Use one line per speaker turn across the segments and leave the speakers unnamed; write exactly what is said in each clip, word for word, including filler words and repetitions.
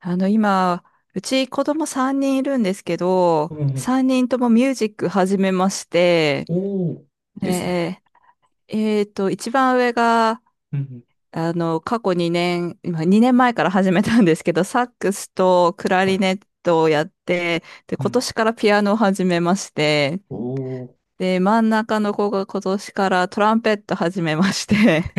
あの、今、うち子供さんにんいるんですけど、
うんうん。
さんにんともミュージック始めまして、
おー。ですね。
ええーと、一番上が、
うんう
あの、過去にねん、今にねんまえから始めたんですけど、サックスとクラ
ん。は
リ
い。
ネットをやって、で、
う
今
ん。
年からピアノを始めまして、
おー。
で、真ん中の子が今年からトランペット始めまして、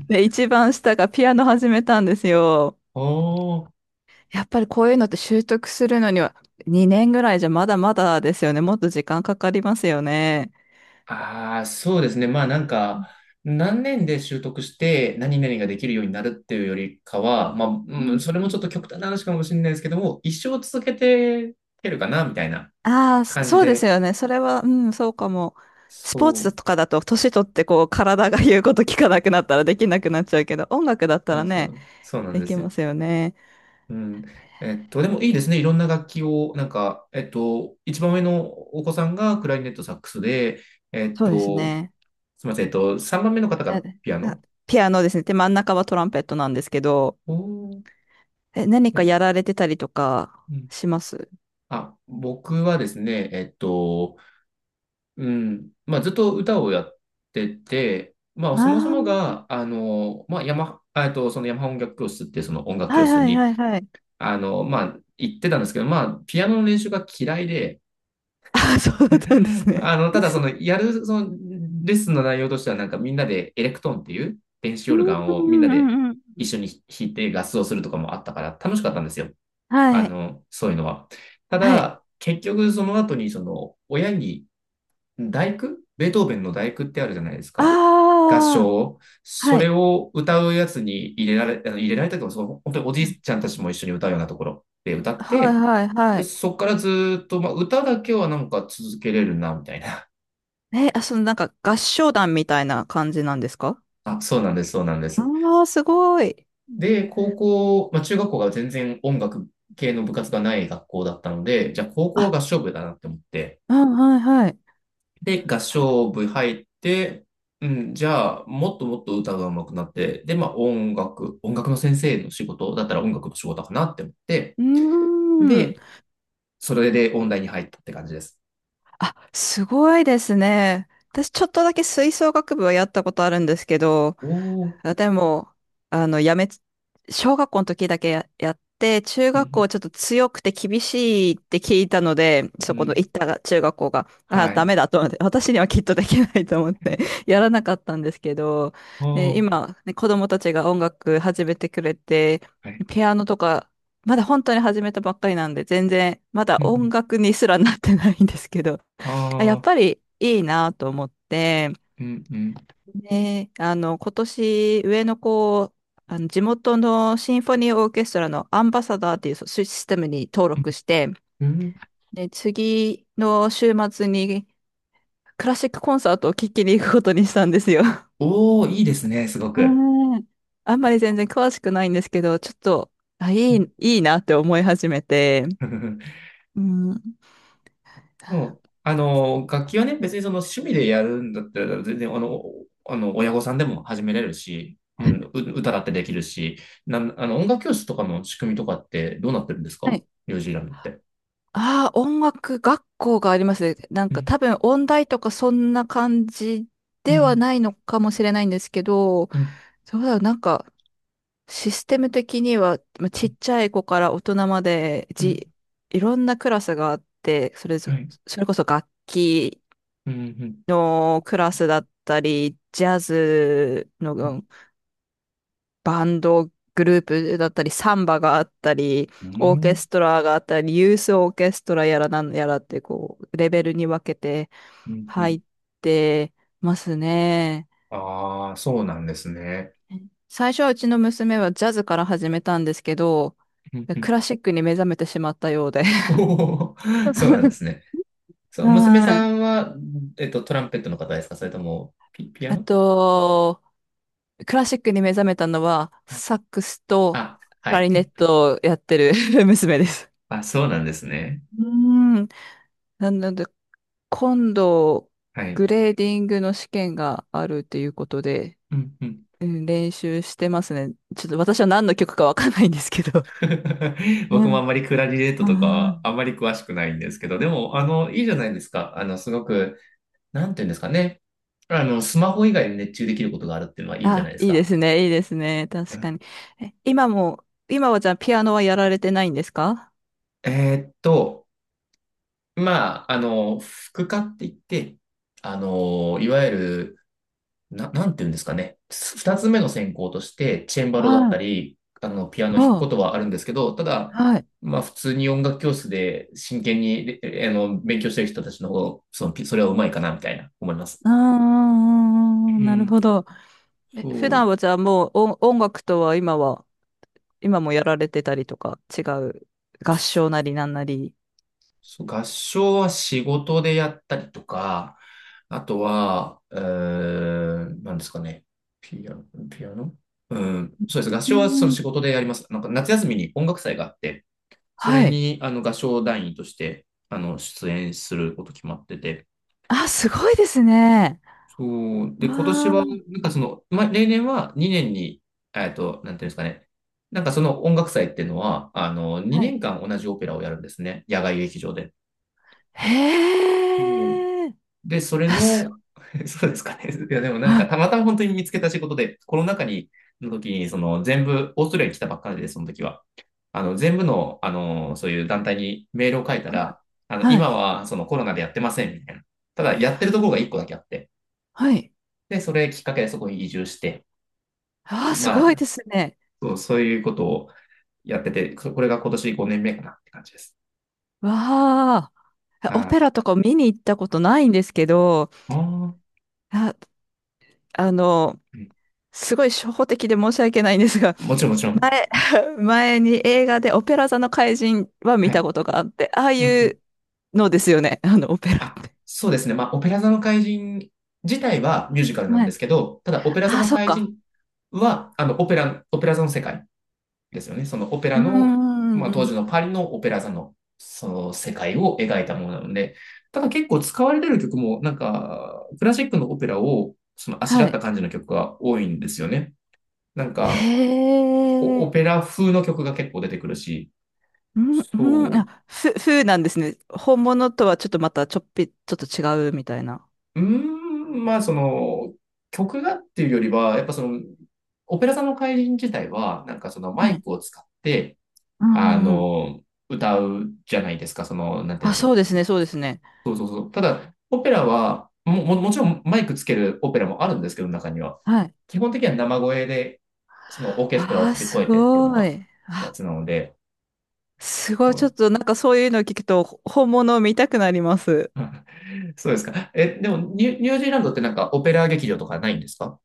で、一番下がピアノ始めたんですよ。
おお、
やっぱりこういうのって習得するのにはにねんぐらいじゃまだまだですよね。もっと時間かかりますよね。
ああ、そうですね。まあ、なんか、何年で習得して何々ができるようになるっていうよりかは、まあ、
う
うん、
ん
それも
う
ちょっ
ん、
と極端な話かもしれないですけども、一生続けてけるかな、みたいな
ああ、そ
感じ
そうです
で。
よね。それは、うん、そうかも。スポー
そ
ツとかだと、年取ってこう、体が言うこと聞かなくなったらできなくなっちゃうけど、音楽だった
う、う
ら
ん、そ
ね、
うそうなん
で
で
き
すよ。
ますよね。
うん。えっと、でもいいですね。いろんな楽器を、なんか、えっと、一番上のお子さんがクラリネットサックスで、えっ
そうです
と、
ね。
すみません。えっと、さんばんめの方
あ
がピア
あ、
ノ。
ピアノですね。で、真ん中はトランペットなんですけど、
おー、い
え、何
い
か
ですか？
やられてたりとか
うん。
します？
あ、僕はですね、えっと、うん、まあ、ずっと歌をやってて、まあ、そもそ
ああ
も
ー、
が、あの、まあ、ヤマ、あえっと、そのヤマハ音楽教室っていうその音楽
は
教
い
室
はい
に、
はいはい。
あの、まあ、行ってたんですけど、まあ、ピアノの練習が嫌いで、
あ、そうだったんです ね。
あの、ただその、やる、その、レッスンの内容としては、なんかみんなでエレクトーンっていう電子
う
オルガンをみんな
んうん
で
うんうん。
一緒に弾いて合奏するとかもあったから楽しかったんですよ。あ
はい。
の、そういうのは。た
はい。
だ、結局その後にその親に第九、ベートーベンの第九ってあるじゃないですか。合
ああ、
唱。
は
それ
い。
を歌うやつに入れられ、あの入れられたけど、その本当におじ
う
い
ん、
ちゃんたちも一緒に歌うようなところで歌っ
はい
て、
はいは
で、
い。
そこからずーっと、まあ、歌だけはなんか続けれるな、みたいな。
え、あ、そのなんか合唱団みたいな感じなんですか？
あ、そうなんです、そうなんで
あ
す。
あー、すごい。
で、高校、まあ、中学校が全然音楽系の部活がない学校だったので、じゃあ高校は
あ、
合唱部だなって思って、
うん、はいはい。
で、合唱部入って、うん、じゃあ、もっともっと歌が上手くなって、で、まあ、音楽、音楽の先生の仕事だったら音楽の仕事かなって思って、
うーん。
で、それで音大に入ったって感じです。
あ、すごいですね。私ちょっとだけ吹奏楽部はやったことあるんですけど、
おー、
あでも、あの、やめつ、小学校の時だけや、やって、中
う
学校
ん、
ちょっと強くて厳しいって聞いたので、
う
そ
ん、う
この
ん、
行った中学校が、あ、
は
ダ
い、
メだと思って、私にはきっとできないと思って やらなかったんですけど、で、
おー、
今、ね、子供たちが音楽始めてくれて、
はい、
ピアノとか、まだ本当に始めたばっかりなんで、全然、まだ
うん、う
音
ん、
楽にすらなってないんですけど、あ、やっ
あ
ぱりいいなと思って、
ー、うん、うん、
ね、あの、今年、上の子を、あの、地元のシンフォニーオーケストラのアンバサダーっていうそうシステムに登録して、
うん、うん、
で、次の週末にクラシックコンサートを聴きに行くことにしたんですよ。
おー、いいですね、すごく。
うん。あんまり全然詳しくないんですけど、ちょっと、あ、いい、いいなって思い始めて、うん。
うん。あの、楽器はね、別にその趣味でやるんだったら、全然、あの、あの、親御さんでも始めれるし、うん、う歌だってできるし、なん、あの、音楽教室とかの仕組みとかってどうなってるんです
は
か？
い。
ニュージーランドって。
ああ、音楽学校がありますね。なん
う
か
ん、
多分音大とかそんな感じ
う
では
ん、
ないのかもしれないんですけど、
うん、
そうだ、なんか、システム的には、まあちっちゃい子から大人まで、
うん、
じ、いろんなクラスがあって、それぞ、
はい。
それこそ楽器
うん、うん、
のクラスだったり、ジャズの
う
う
ん、
んバンドグループだったり、サンバがあったり、オーケストラがあったり、ユースオーケストラやらなんやらって、こう、レベルに分けて
うん、う
入
ん。
ってますね。
ああ、そうなんですね。
最初はうちの娘はジャズから始めたんですけど、
うんう
ク
ん。
ラシックに目覚めてしまったようで。
おー、そうなんで すね。そう、娘
は
さ
い。
んは、えっと、トランペットの方ですか？それとも、ピ、ピア
あ
ノ
と、クラシックに目覚めたのは、
はい。
サックスと
あ、
ク
は
ラリネ
い。
ットをやってる 娘です。
あ、そうなんですね。
うーん。なので、今度、
は
グ
い。
レーディングの試験があるっていうことで、
うんうん。
うん、練習してますね。ちょっと私は何の曲かわかんないんですけど。う
僕もあん
ん。
まりクラリネットとか
あー
はあんまり詳しくないんですけど、でも、あの、いいじゃないですか。あの、すごく、なんていうんですかね。あの、スマホ以外に熱中できることがあるっていうのはいいじゃない
あ、
です
いいで
か。
すね、いいですね。
う
確
ん、
かに。え、今も、今はじゃあピアノはやられてないんですか？
えーっと、まあ、あの、副科って言って、あの、いわゆるな、なんていうんですかね。す二つ目の専攻として、チェンバロだっ
は
た
い。
り、あの、ピアノ弾くこ
あ
とはあるんですけど、ただ、
あ、はい。
まあ、普通に音楽教室で真剣に、えあの、勉強してる人たちの方が、その、ピそれはうまいかな、みたいな、思います。
あ
う
あ、なる
ん、
ほど。え、普
そ
段
う、
はじゃあもう音、音楽とは今は、今もやられてたりとか、違う合
そ
唱
う
なりなんなり。
そう、合唱は仕事でやったりとか、あとは、うーん、なんですかね。ピアノ、ピアノ、うん、そうです。合
う
唱はその
ん。
仕事でやります。なんか夏休みに音楽祭があって、そ
は
れ
い。
に、あの、合唱団員として、あの、出演すること決まってて。
あ、すごいですね。
そう。で、
わ
今年
あ、
は、なんかその、ま、例年はにねんに、えっと、なんていうんですかね。なんかその音楽祭っていうのは、あの、
は
2
い。
年間同じオペラをやるんですね。野外劇場で。うん、
へえ。
で、それ
あ、す
の、そうですかね。いや、でもな
ごい。
ん
は
か、
い。
たまたま本当に見つけた仕事で、コロナ禍に、の時に、その全部、オーストラリアに来たばっかりで、その時は。あの、全部の、あの、そういう団体にメールを書いた
はい。
ら、あの、
は
今
い。
はそのコロナでやってません、みたいな。ただ、やってるところが一個だけあって。
はい。
で、それきっかけでそこに移住して、
ああ、す
ま
ごい
あ、
ですね。
そう、そういうことをやってて、これが今年ごねんめかなって感じです。
わあ。
はい。
オペ
あ
ラとかを見に行ったことないんですけど、
あ、
あ、あの、
うん、
すごい初歩的で申し訳ないんですが、
もちろん、もちろん。
前、前に映画でオペラ座の怪人は見
は
た
い。
ことがあって、ああ
うんう
い
ん。
うのですよね、あのオペラっ
あ、
て。
そうですね。まあ、オペラ座の怪人自体はミュージカルなん
は
で
い。
すけど、ただ、オペラ座
あ、
の
そっ
怪
か。
人は、あの、オペラ、オペラ座の世界ですよね。そのオペ
う
ラ
ーん、
の、
う
ま
ん、
あ、
う
当時
ん、
のパリのオペラ座の、その世界を描いたものなので、ただ結構使われてる曲も、なんか、クラシックのオペラを、その、あしら
は
っ
い。
た感じの曲が多いんですよね。なん
へ
か、おオ
え。
ペラ風の曲が結構出てくるし、
うん、うん、
そう、
あ、ふ、風なんですね。本物とはちょっとまたちょっぴ、ちょっと違うみたいな。
うーん、まあ、その、曲がっていうよりは、やっぱその、オペラ座の怪人自体は、なんかそのマ
は
イ
い。
クを使って、
う
あ
ん、うんうん。
の、歌うじゃないですか、その、なんていう
あ、
んです
そ
か。
うですね、そうですね。
そうそうそう。ただ、オペラは、も、も、もちろんマイクつけるオペラもあるんですけど、中には。
はい。
基本的には生声で、そのオーケストラを
ああ、
飛び
す
越えてっていうの
ご
が、
い。
や
あ、
つなので、
すごい。
う
ちょっ
ん。
となんかそういうのを聞くと、ほ本物を見たくなります。
そうですか。え、でもニュ、ニュージーランドってなんかオペラ劇場とかないんですか？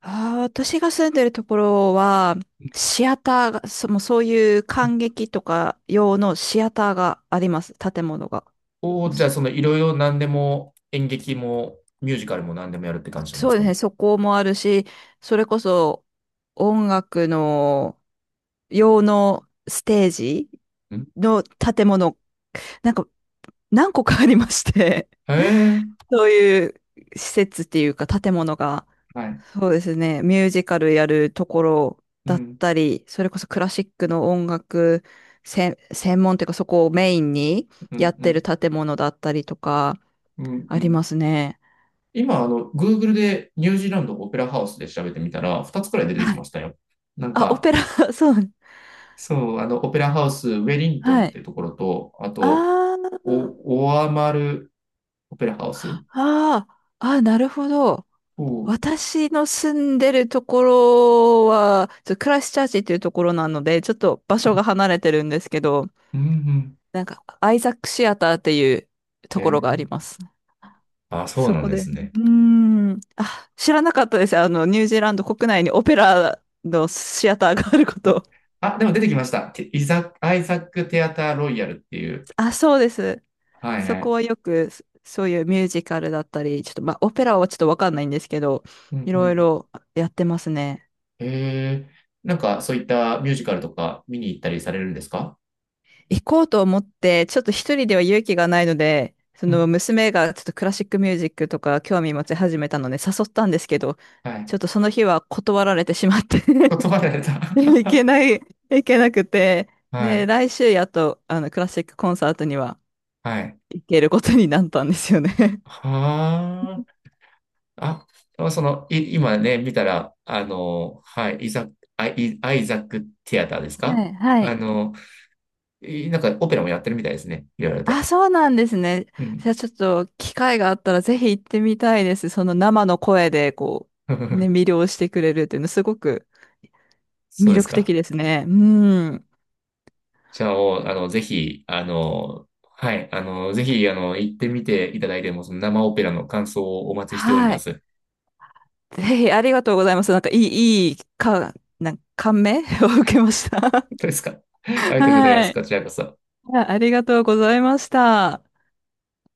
ああ、私が住んでるところは、シアターが、そ、もうそういう観劇とか用のシアターがあります。建物が。
お
もう
ー、じゃあ、
そ、
そのいろいろ何でも演劇もミュージカルも何でもやるって感じなんで
そう
す
で
か
す
ね。
ね。そこもあるし、それこそ音楽の用のステージ
うん、
の建物、なんか何個かありまして、
へ え、
そういう施設っていうか建物が。
はい。
そうですね。ミュージカルやるところ
う
だっ
ん、
たり、それこそクラシックの音楽専専門っていうかそこをメインに
う
や
ん、
っ
う
てる
ん、
建物だったりとか
うん、う
あり
ん。
ますね。
今、あの、Google でニュージーランドオペラハウスで調べてみたら、ふたつくらい出てき
は
まし
い。
たよ。なん
あ、オ
か、
ペラ、そう。
そう、あの、オペラハウス、ウェリントン
は
ってい
い。
うところと、あ
あ
と、
ー
お、オアマルオペラハウス。
あー、あー、なるほど。
おー、
私の住んでるところは、ちょっとクライストチャーチっていうところなので、ちょっと場所が離れてるんですけど、
うんうん。
なんか、アイザックシアターっていう
え
ところがありま
ー、
す。
あ、そう
そ
なん
こ
で
で、
すね。
うーん。あ、知らなかったです。あの、ニュージーランド国内にオペラのシアターがあること。
あ、でも出てきました。テイザ、アイザック・テアター・ロイヤルっていう。
あ、そうです。
はい
そ
は
こ
い。
はよく、そそういうミュージカルだったり、ちょっと、まあ、オペラはちょっとわかんないんですけど、
うん
い
う
ろい
ん。
ろやってますね。
へえ、なんかそういったミュージカルとか見に行ったりされるんですか？
行こうと思って、ちょっと一人では勇気がないので、そ
う
の
ん。
娘がちょっとクラシックミュージックとか興味持ち始めたので誘ったんですけど、
はい。
ちょっとその日は断られてしまって
言葉で た。
でも行け ない、行けなくて、
は
で、
い。
来週やっと、あの、クラシックコンサートには
はい。
行けることになったんですよね。
はあ。あ、その、い、今ね、見たら、あの、はい、イザック、アイ、アイザックティアターです
は
か？
い、は
あ
い。
の、いなんかオペラもやってるみたいですね。いろいろ
あ、
と。
そうなんですね。
う
じゃ
ん。
あちょっと機会があったらぜひ行ってみたいです。その生の声でこう、ね、魅 了してくれるっていうのすごく
そう
魅
です
力的
か。
ですね。うん。
じゃあ、おあの、ぜひ、あの、はい、あの、ぜひ、あの、行ってみていただいても、その生オペラの感想をお待ちしており
は
ま
い。
す。
ぜひありがとうございます。なんかいい、いい、か、なんか感銘 を受けました。
当 ですか。ありがとうございま
は
す。こ
い。
ちらこそ。
あありがとうございました。